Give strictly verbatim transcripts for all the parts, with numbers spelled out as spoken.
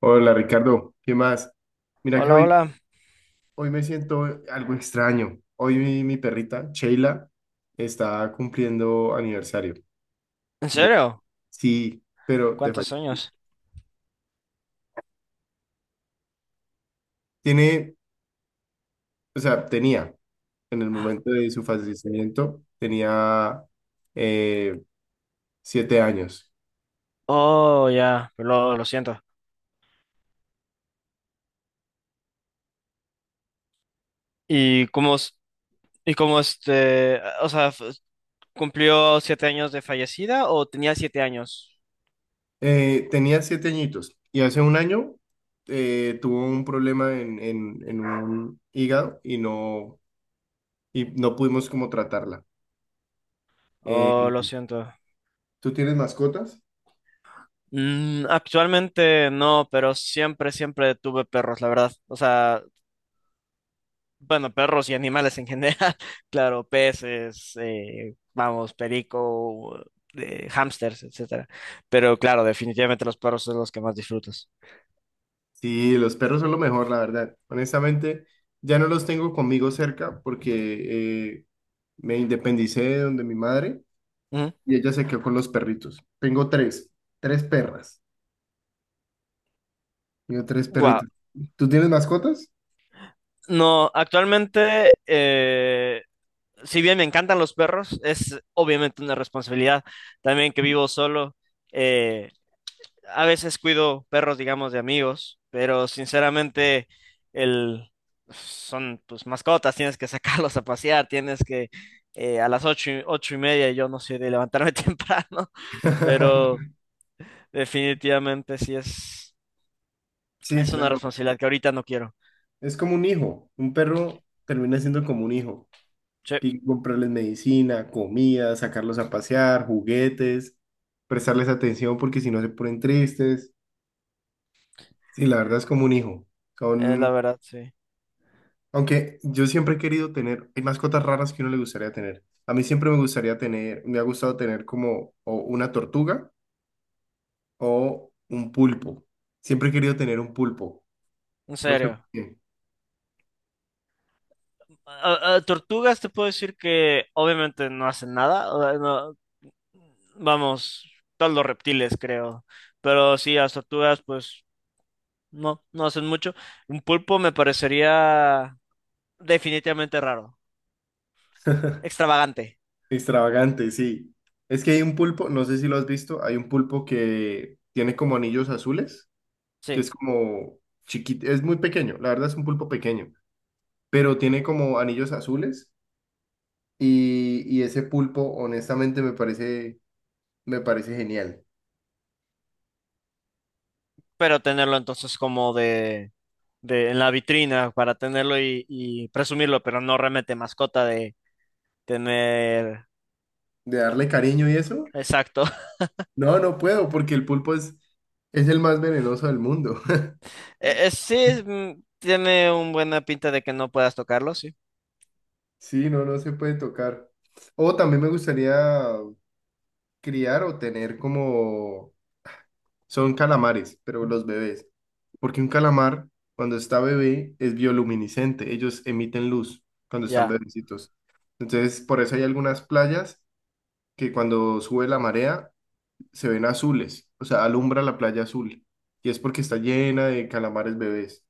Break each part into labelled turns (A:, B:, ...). A: Hola Ricardo, ¿qué más? Mira que
B: Hola,
A: hoy,
B: hola.
A: hoy me siento algo extraño. Hoy mi, mi perrita, Sheila, está cumpliendo aniversario.
B: ¿En
A: De,
B: serio?
A: sí, pero de
B: ¿Cuántos
A: fallecimiento.
B: años?
A: Tiene, o sea, tenía en el momento de su fallecimiento, tenía eh, siete años.
B: Oh, ya, lo, lo siento. ¿Y cómo, es- y cómo este, o sea, f- cumplió siete años de fallecida o tenía siete años?
A: Eh, tenía siete añitos y hace un año eh, tuvo un problema en, en, en un hígado y no, y no pudimos como tratarla. Eh,
B: Oh, lo siento.
A: ¿Tú tienes mascotas?
B: Mm, actualmente no, pero siempre, siempre tuve perros, la verdad. O sea, bueno, perros y animales en general. Claro, peces, eh, vamos, perico, eh, hámsters, etcétera. Pero claro, definitivamente los perros son los que más disfrutas.
A: Sí, los perros son lo mejor, la verdad. Honestamente, ya no los tengo conmigo cerca porque eh, me independicé de donde mi madre y ella se quedó con los perritos. Tengo tres, tres perras. Tengo tres
B: Wow.
A: perritos. ¿Tú tienes mascotas?
B: No, actualmente, eh, si bien me encantan los perros, es obviamente una responsabilidad también que vivo solo. eh, a veces cuido perros, digamos, de amigos, pero sinceramente el, son pues mascotas, tienes que sacarlos a pasear, tienes que eh, a las ocho, y- ocho y media, yo no soy de levantarme temprano, pero definitivamente sí es,
A: Sí,
B: es una
A: claro.
B: responsabilidad que ahorita no quiero.
A: Es como un hijo. Un perro termina siendo como un hijo.
B: Sí,
A: Hay que comprarles medicina, comida, sacarlos a pasear, juguetes, prestarles atención porque si no se ponen tristes. Sí, la verdad es como un hijo.
B: es la
A: Son,
B: verdad, sí.
A: aunque yo siempre he querido tener, hay mascotas raras que uno le gustaría tener. A mí siempre me gustaría tener, me ha gustado tener como o una tortuga o un pulpo. Siempre he querido tener un pulpo.
B: En
A: No sé por
B: serio.
A: qué.
B: a- a tortugas te puedo decir que obviamente no hacen nada. O sea, no- vamos, todos los reptiles creo. Pero sí, las tortugas pues no, no hacen mucho. Un pulpo me parecería definitivamente raro, extravagante,
A: Extravagante, sí. Es que hay un pulpo, no sé si lo has visto, hay un pulpo que tiene como anillos azules, que
B: sí.
A: es como chiquito, es muy pequeño, la verdad es un pulpo pequeño, pero tiene como anillos azules y, y ese pulpo honestamente me parece Me parece genial.
B: Pero tenerlo entonces como de, de en la vitrina para tenerlo y, y presumirlo, pero no realmente mascota de tener.
A: De darle cariño y eso.
B: Exacto.
A: No, no puedo porque el pulpo es, es el más venenoso del mundo.
B: Eh, eh, sí, mm, tiene un buena pinta de que no puedas tocarlo, sí.
A: Sí, no, no se puede tocar. O también me gustaría criar o tener como... Son calamares, pero los bebés. Porque un calamar, cuando está bebé, es bioluminiscente. Ellos emiten luz cuando están
B: Ya.
A: bebecitos. Entonces, por eso hay algunas playas que cuando sube la marea, se ven azules, o sea, alumbra la playa azul. Y es porque está llena de calamares bebés.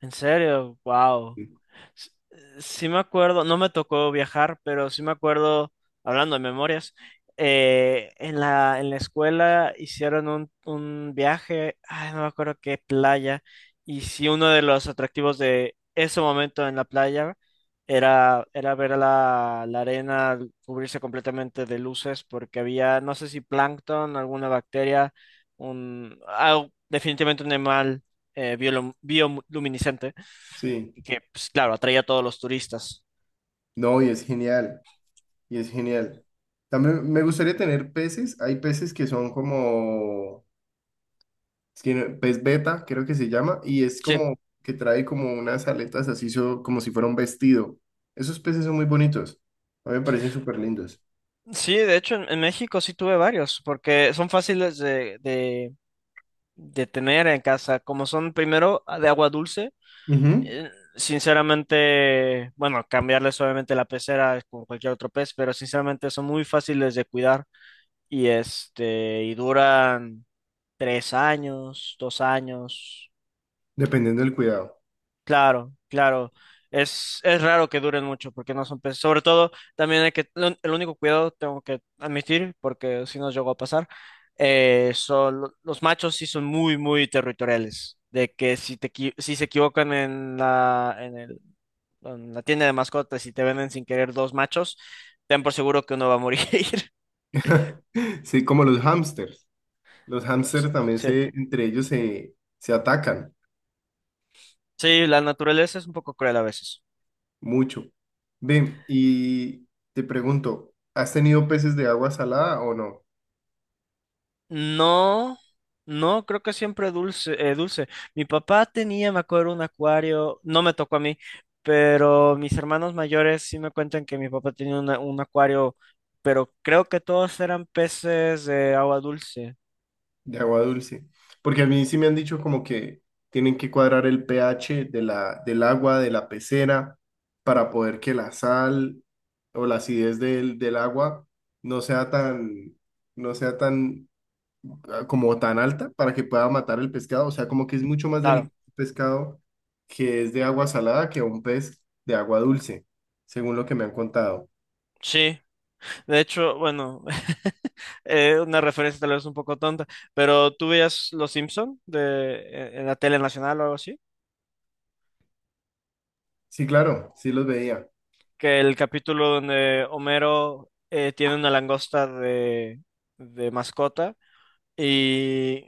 B: En serio, wow.
A: Sí,
B: S- eh, Sí me acuerdo, no me tocó viajar, pero sí me acuerdo, hablando de memorias, eh, en la, en la escuela hicieron un, un viaje, ay, no me acuerdo qué playa, y sí uno de los atractivos de ese momento en la playa era, era ver la, la arena cubrirse completamente de luces porque había, no sé si plancton, alguna bacteria, un, ah, definitivamente un animal eh, biolum- bioluminiscente
A: sí.
B: y que, pues, claro, atrae a todos los turistas.
A: No, y es genial, y es genial. También me gustaría tener peces, hay peces que son como, es que no- pez beta, creo que se llama, y es
B: Sí.
A: como que trae como unas aletas así, so- como si fuera un vestido. Esos peces son muy bonitos, a mí me parecen súper lindos.
B: Sí, de hecho en, en México sí tuve varios, porque son fáciles de, de, de tener en casa, como son primero de agua dulce,
A: Ujú.
B: eh, sinceramente, bueno, cambiarles obviamente la pecera con cualquier otro pez, pero sinceramente son muy fáciles de cuidar y este, y duran tres años, dos años.
A: Dependiendo del cuidado.
B: Claro, claro. Es, es raro que duren mucho porque no son peces. Sobre todo, también hay que, lo- el único cuidado tengo que admitir, porque si nos llegó a pasar, eh, son, lo- los machos sí son muy, muy territoriales. De que si te, equi- si se equivocan en la, en el, en la tienda de mascotas y te venden sin querer dos machos, ten por seguro que uno va a morir.
A: Sí, como los hámsters. Los hámsters también
B: Sí,
A: se, entre ellos se, se atacan
B: sí, la naturaleza es un poco cruel a veces.
A: mucho. Ven, y te pregunto, ¿has tenido peces de agua salada o no?
B: No, no, creo que siempre dulce, eh, dulce. Mi papá tenía, me acuerdo, un acuario, no me tocó a mí, pero mis hermanos mayores sí me cuentan que mi papá tenía una- un acuario, pero creo que todos eran peces de agua dulce.
A: De agua dulce. Porque a mí sí me han dicho como que tienen que cuadrar el pH de la, del agua, de la pecera, para poder que la sal o la acidez del, del agua no sea tan, no sea tan ah, como tan alta para que pueda matar el pescado. O sea, como que es mucho más
B: Claro,
A: delicado un pescado que es de agua salada que un pez de agua dulce, según lo que me han contado.
B: sí. De hecho, bueno, eh, una referencia tal vez un poco tonta, pero ¿tú veías Los Simpson de, en en la tele nacional o algo así?
A: Sí, claro, sí los veía.
B: Que el capítulo donde Homero eh, tiene una langosta de, de mascota y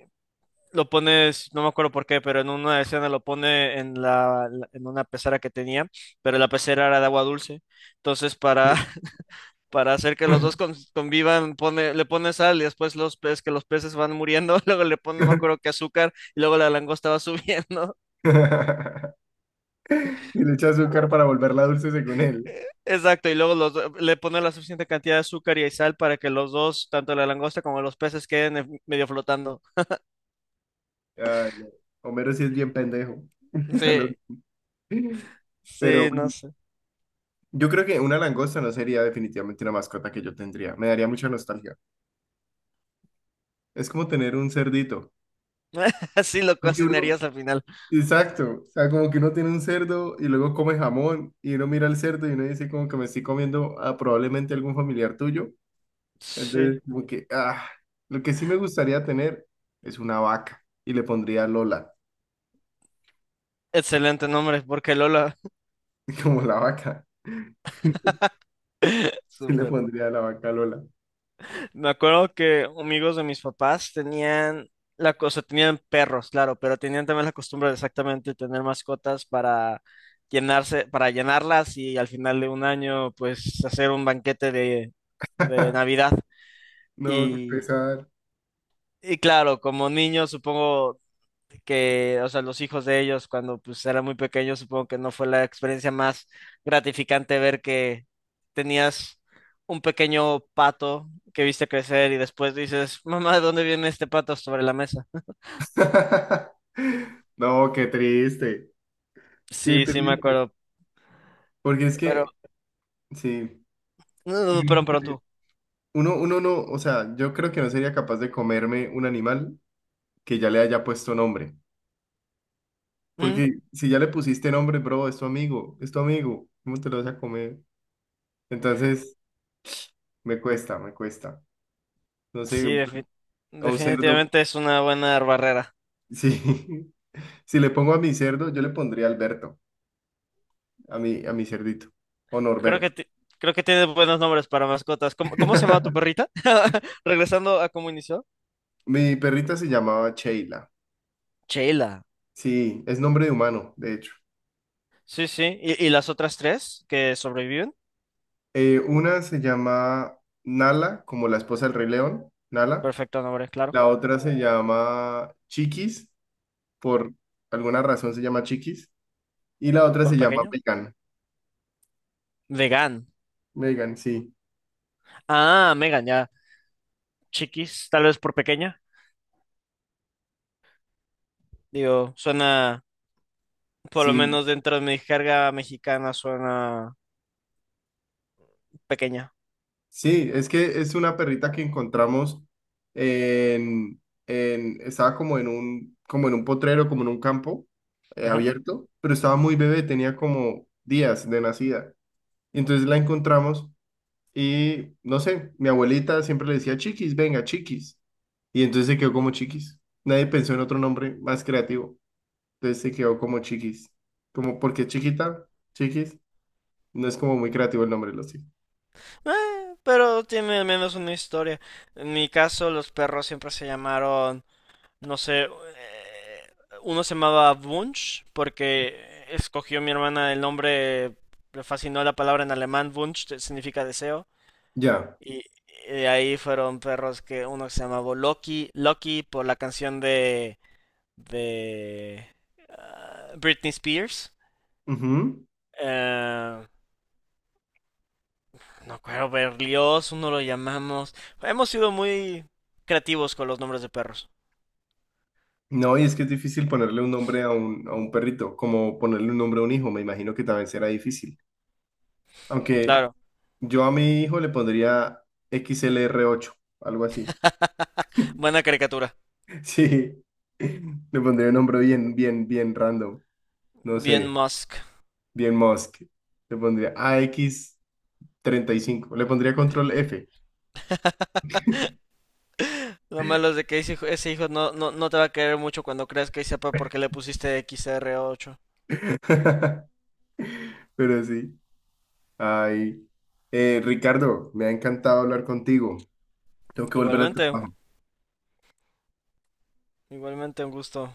B: lo pones, no me acuerdo por qué, pero en una escena lo pone en la, la- en una pecera que tenía, pero la pecera era de agua dulce. Entonces, para,
A: Sí.
B: para hacer que los dos con- convivan, pone, le pone sal y después los peces, que los peces van muriendo, luego le pone, no me acuerdo qué azúcar y luego la langosta va subiendo.
A: Y le echa azúcar para volverla dulce según él.
B: Exacto, y luego los do- le ponen la suficiente cantidad de azúcar y sal para que los dos, tanto la langosta como los peces, queden en- medio flotando.
A: Ay, no. Homero sí es bien pendejo. Lo-
B: Sí,
A: Pero
B: sí, no
A: bueno,
B: sé.
A: yo creo que una langosta no sería definitivamente una mascota que yo tendría. Me daría mucha nostalgia. Es como tener un cerdito.
B: Así lo
A: Porque, bro,
B: cocinarías al final.
A: Exacto, o sea, como que uno tiene un cerdo y luego come jamón y uno mira el cerdo y uno dice como que me estoy comiendo a probablemente algún familiar tuyo.
B: Sí,
A: Entonces, como que, ah, lo que sí me gustaría tener es una vaca y le pondría Lola,
B: excelente nombre, porque Lola,
A: como la vaca, sí le
B: súper.
A: pondría la vaca Lola.
B: Me acuerdo que amigos de mis papás tenían la cosa, tenían perros, claro, pero tenían también la costumbre de exactamente tener mascotas para llenarse, para llenarlas y al final de un año, pues hacer un banquete de, de Navidad.
A: No, qué
B: Y,
A: pesar.
B: y claro, como niños supongo que, o sea, los hijos de ellos cuando pues eran muy pequeños, supongo que no fue la experiencia más gratificante ver que tenías un pequeño pato que viste crecer y después dices, mamá, ¿de dónde viene este pato sobre la mesa?
A: No, qué triste, qué
B: Sí, sí, me
A: triste.
B: acuerdo,
A: Porque es
B: pero,
A: que, sí, porque
B: no,
A: uno,
B: pero, pero
A: se-
B: tú.
A: uno uno no, o sea, yo creo que no sería capaz de comerme un animal que ya le haya puesto nombre.
B: ¿Mm?
A: Porque si ya le pusiste nombre, bro, es tu amigo, es tu amigo, ¿cómo te lo vas a comer? Entonces, me cuesta, me cuesta. No sé,
B: Sí, defi-
A: a un cerdo,
B: definitivamente es una buena barrera.
A: sí, si le pongo a mi cerdo, yo le pondría Alberto, a mi, a mi cerdito, o
B: Creo
A: Norberto.
B: que, ti- creo que tiene buenos nombres para mascotas. ¿Cómo, cómo se llama tu perrita? Regresando a cómo inició.
A: Mi perrita se llamaba Sheila,
B: Sheila.
A: sí, es nombre de humano, de hecho.
B: Sí, sí. ¿Y, y las otras tres que sobreviven?
A: Eh, una se llama Nala, como la esposa del Rey León, Nala.
B: Perfecto nombre, claro.
A: La otra se llama Chiquis, por alguna razón se llama Chiquis. Y la otra
B: Por
A: se llama
B: pequeño.
A: Megan.
B: Vegan.
A: Megan, sí.
B: Ah, Megan, ya. Chiquis, tal vez por pequeña. Digo, suena, por lo
A: Sí,
B: menos dentro de mi jerga mexicana, suena pequeña.
A: sí, es que es una perrita que encontramos en, en, estaba como en un, como en un, potrero, como en un campo eh,
B: Ujú.
A: abierto, pero estaba muy bebé, tenía como días de nacida. Y entonces la encontramos y, no sé, mi abuelita siempre le decía, Chiquis, venga, Chiquis. Y entonces se quedó como Chiquis. Nadie pensó en otro nombre más creativo. Entonces se quedó como Chiquis. Como porque chiquita, Chiquis. No es como muy creativo el nombre, lo sigo.
B: Eh, pero tiene al menos una historia. En mi caso, los perros siempre se llamaron no sé, eh, uno se llamaba Wunsch porque escogió mi hermana el nombre, le fascinó la palabra en alemán, Wunsch te- significa deseo,
A: Ya.
B: y, y de ahí fueron perros que uno se llamaba Loki, Loki por la canción de, de ah, Britney Spears.
A: Ujú.
B: Eh, no acuerdo, Berlioz, uno lo llamamos. Hemos sido muy creativos con los nombres de perros.
A: No, y es que es difícil ponerle un nombre a un, a un, perrito, como ponerle un nombre a un hijo, me imagino que también será difícil. Aunque
B: Claro,
A: yo a mi hijo le pondría X L R ocho algo así.
B: buena caricatura.
A: Sí, le pondría un nombre bien, bien, bien random. No
B: Bien
A: sé,
B: Musk.
A: bien Musk. Le pondría A X treinta y cinco le pondría control F.
B: Lo malo es de que ese hijo, ese hijo no, no, no te va a querer mucho cuando creas que sepa por qué le pusiste xr ocho.
A: Pero sí. Ay. Eh, Ricardo, me ha encantado hablar contigo. Tengo que volver al
B: Igualmente,
A: trabajo.
B: igualmente un gusto.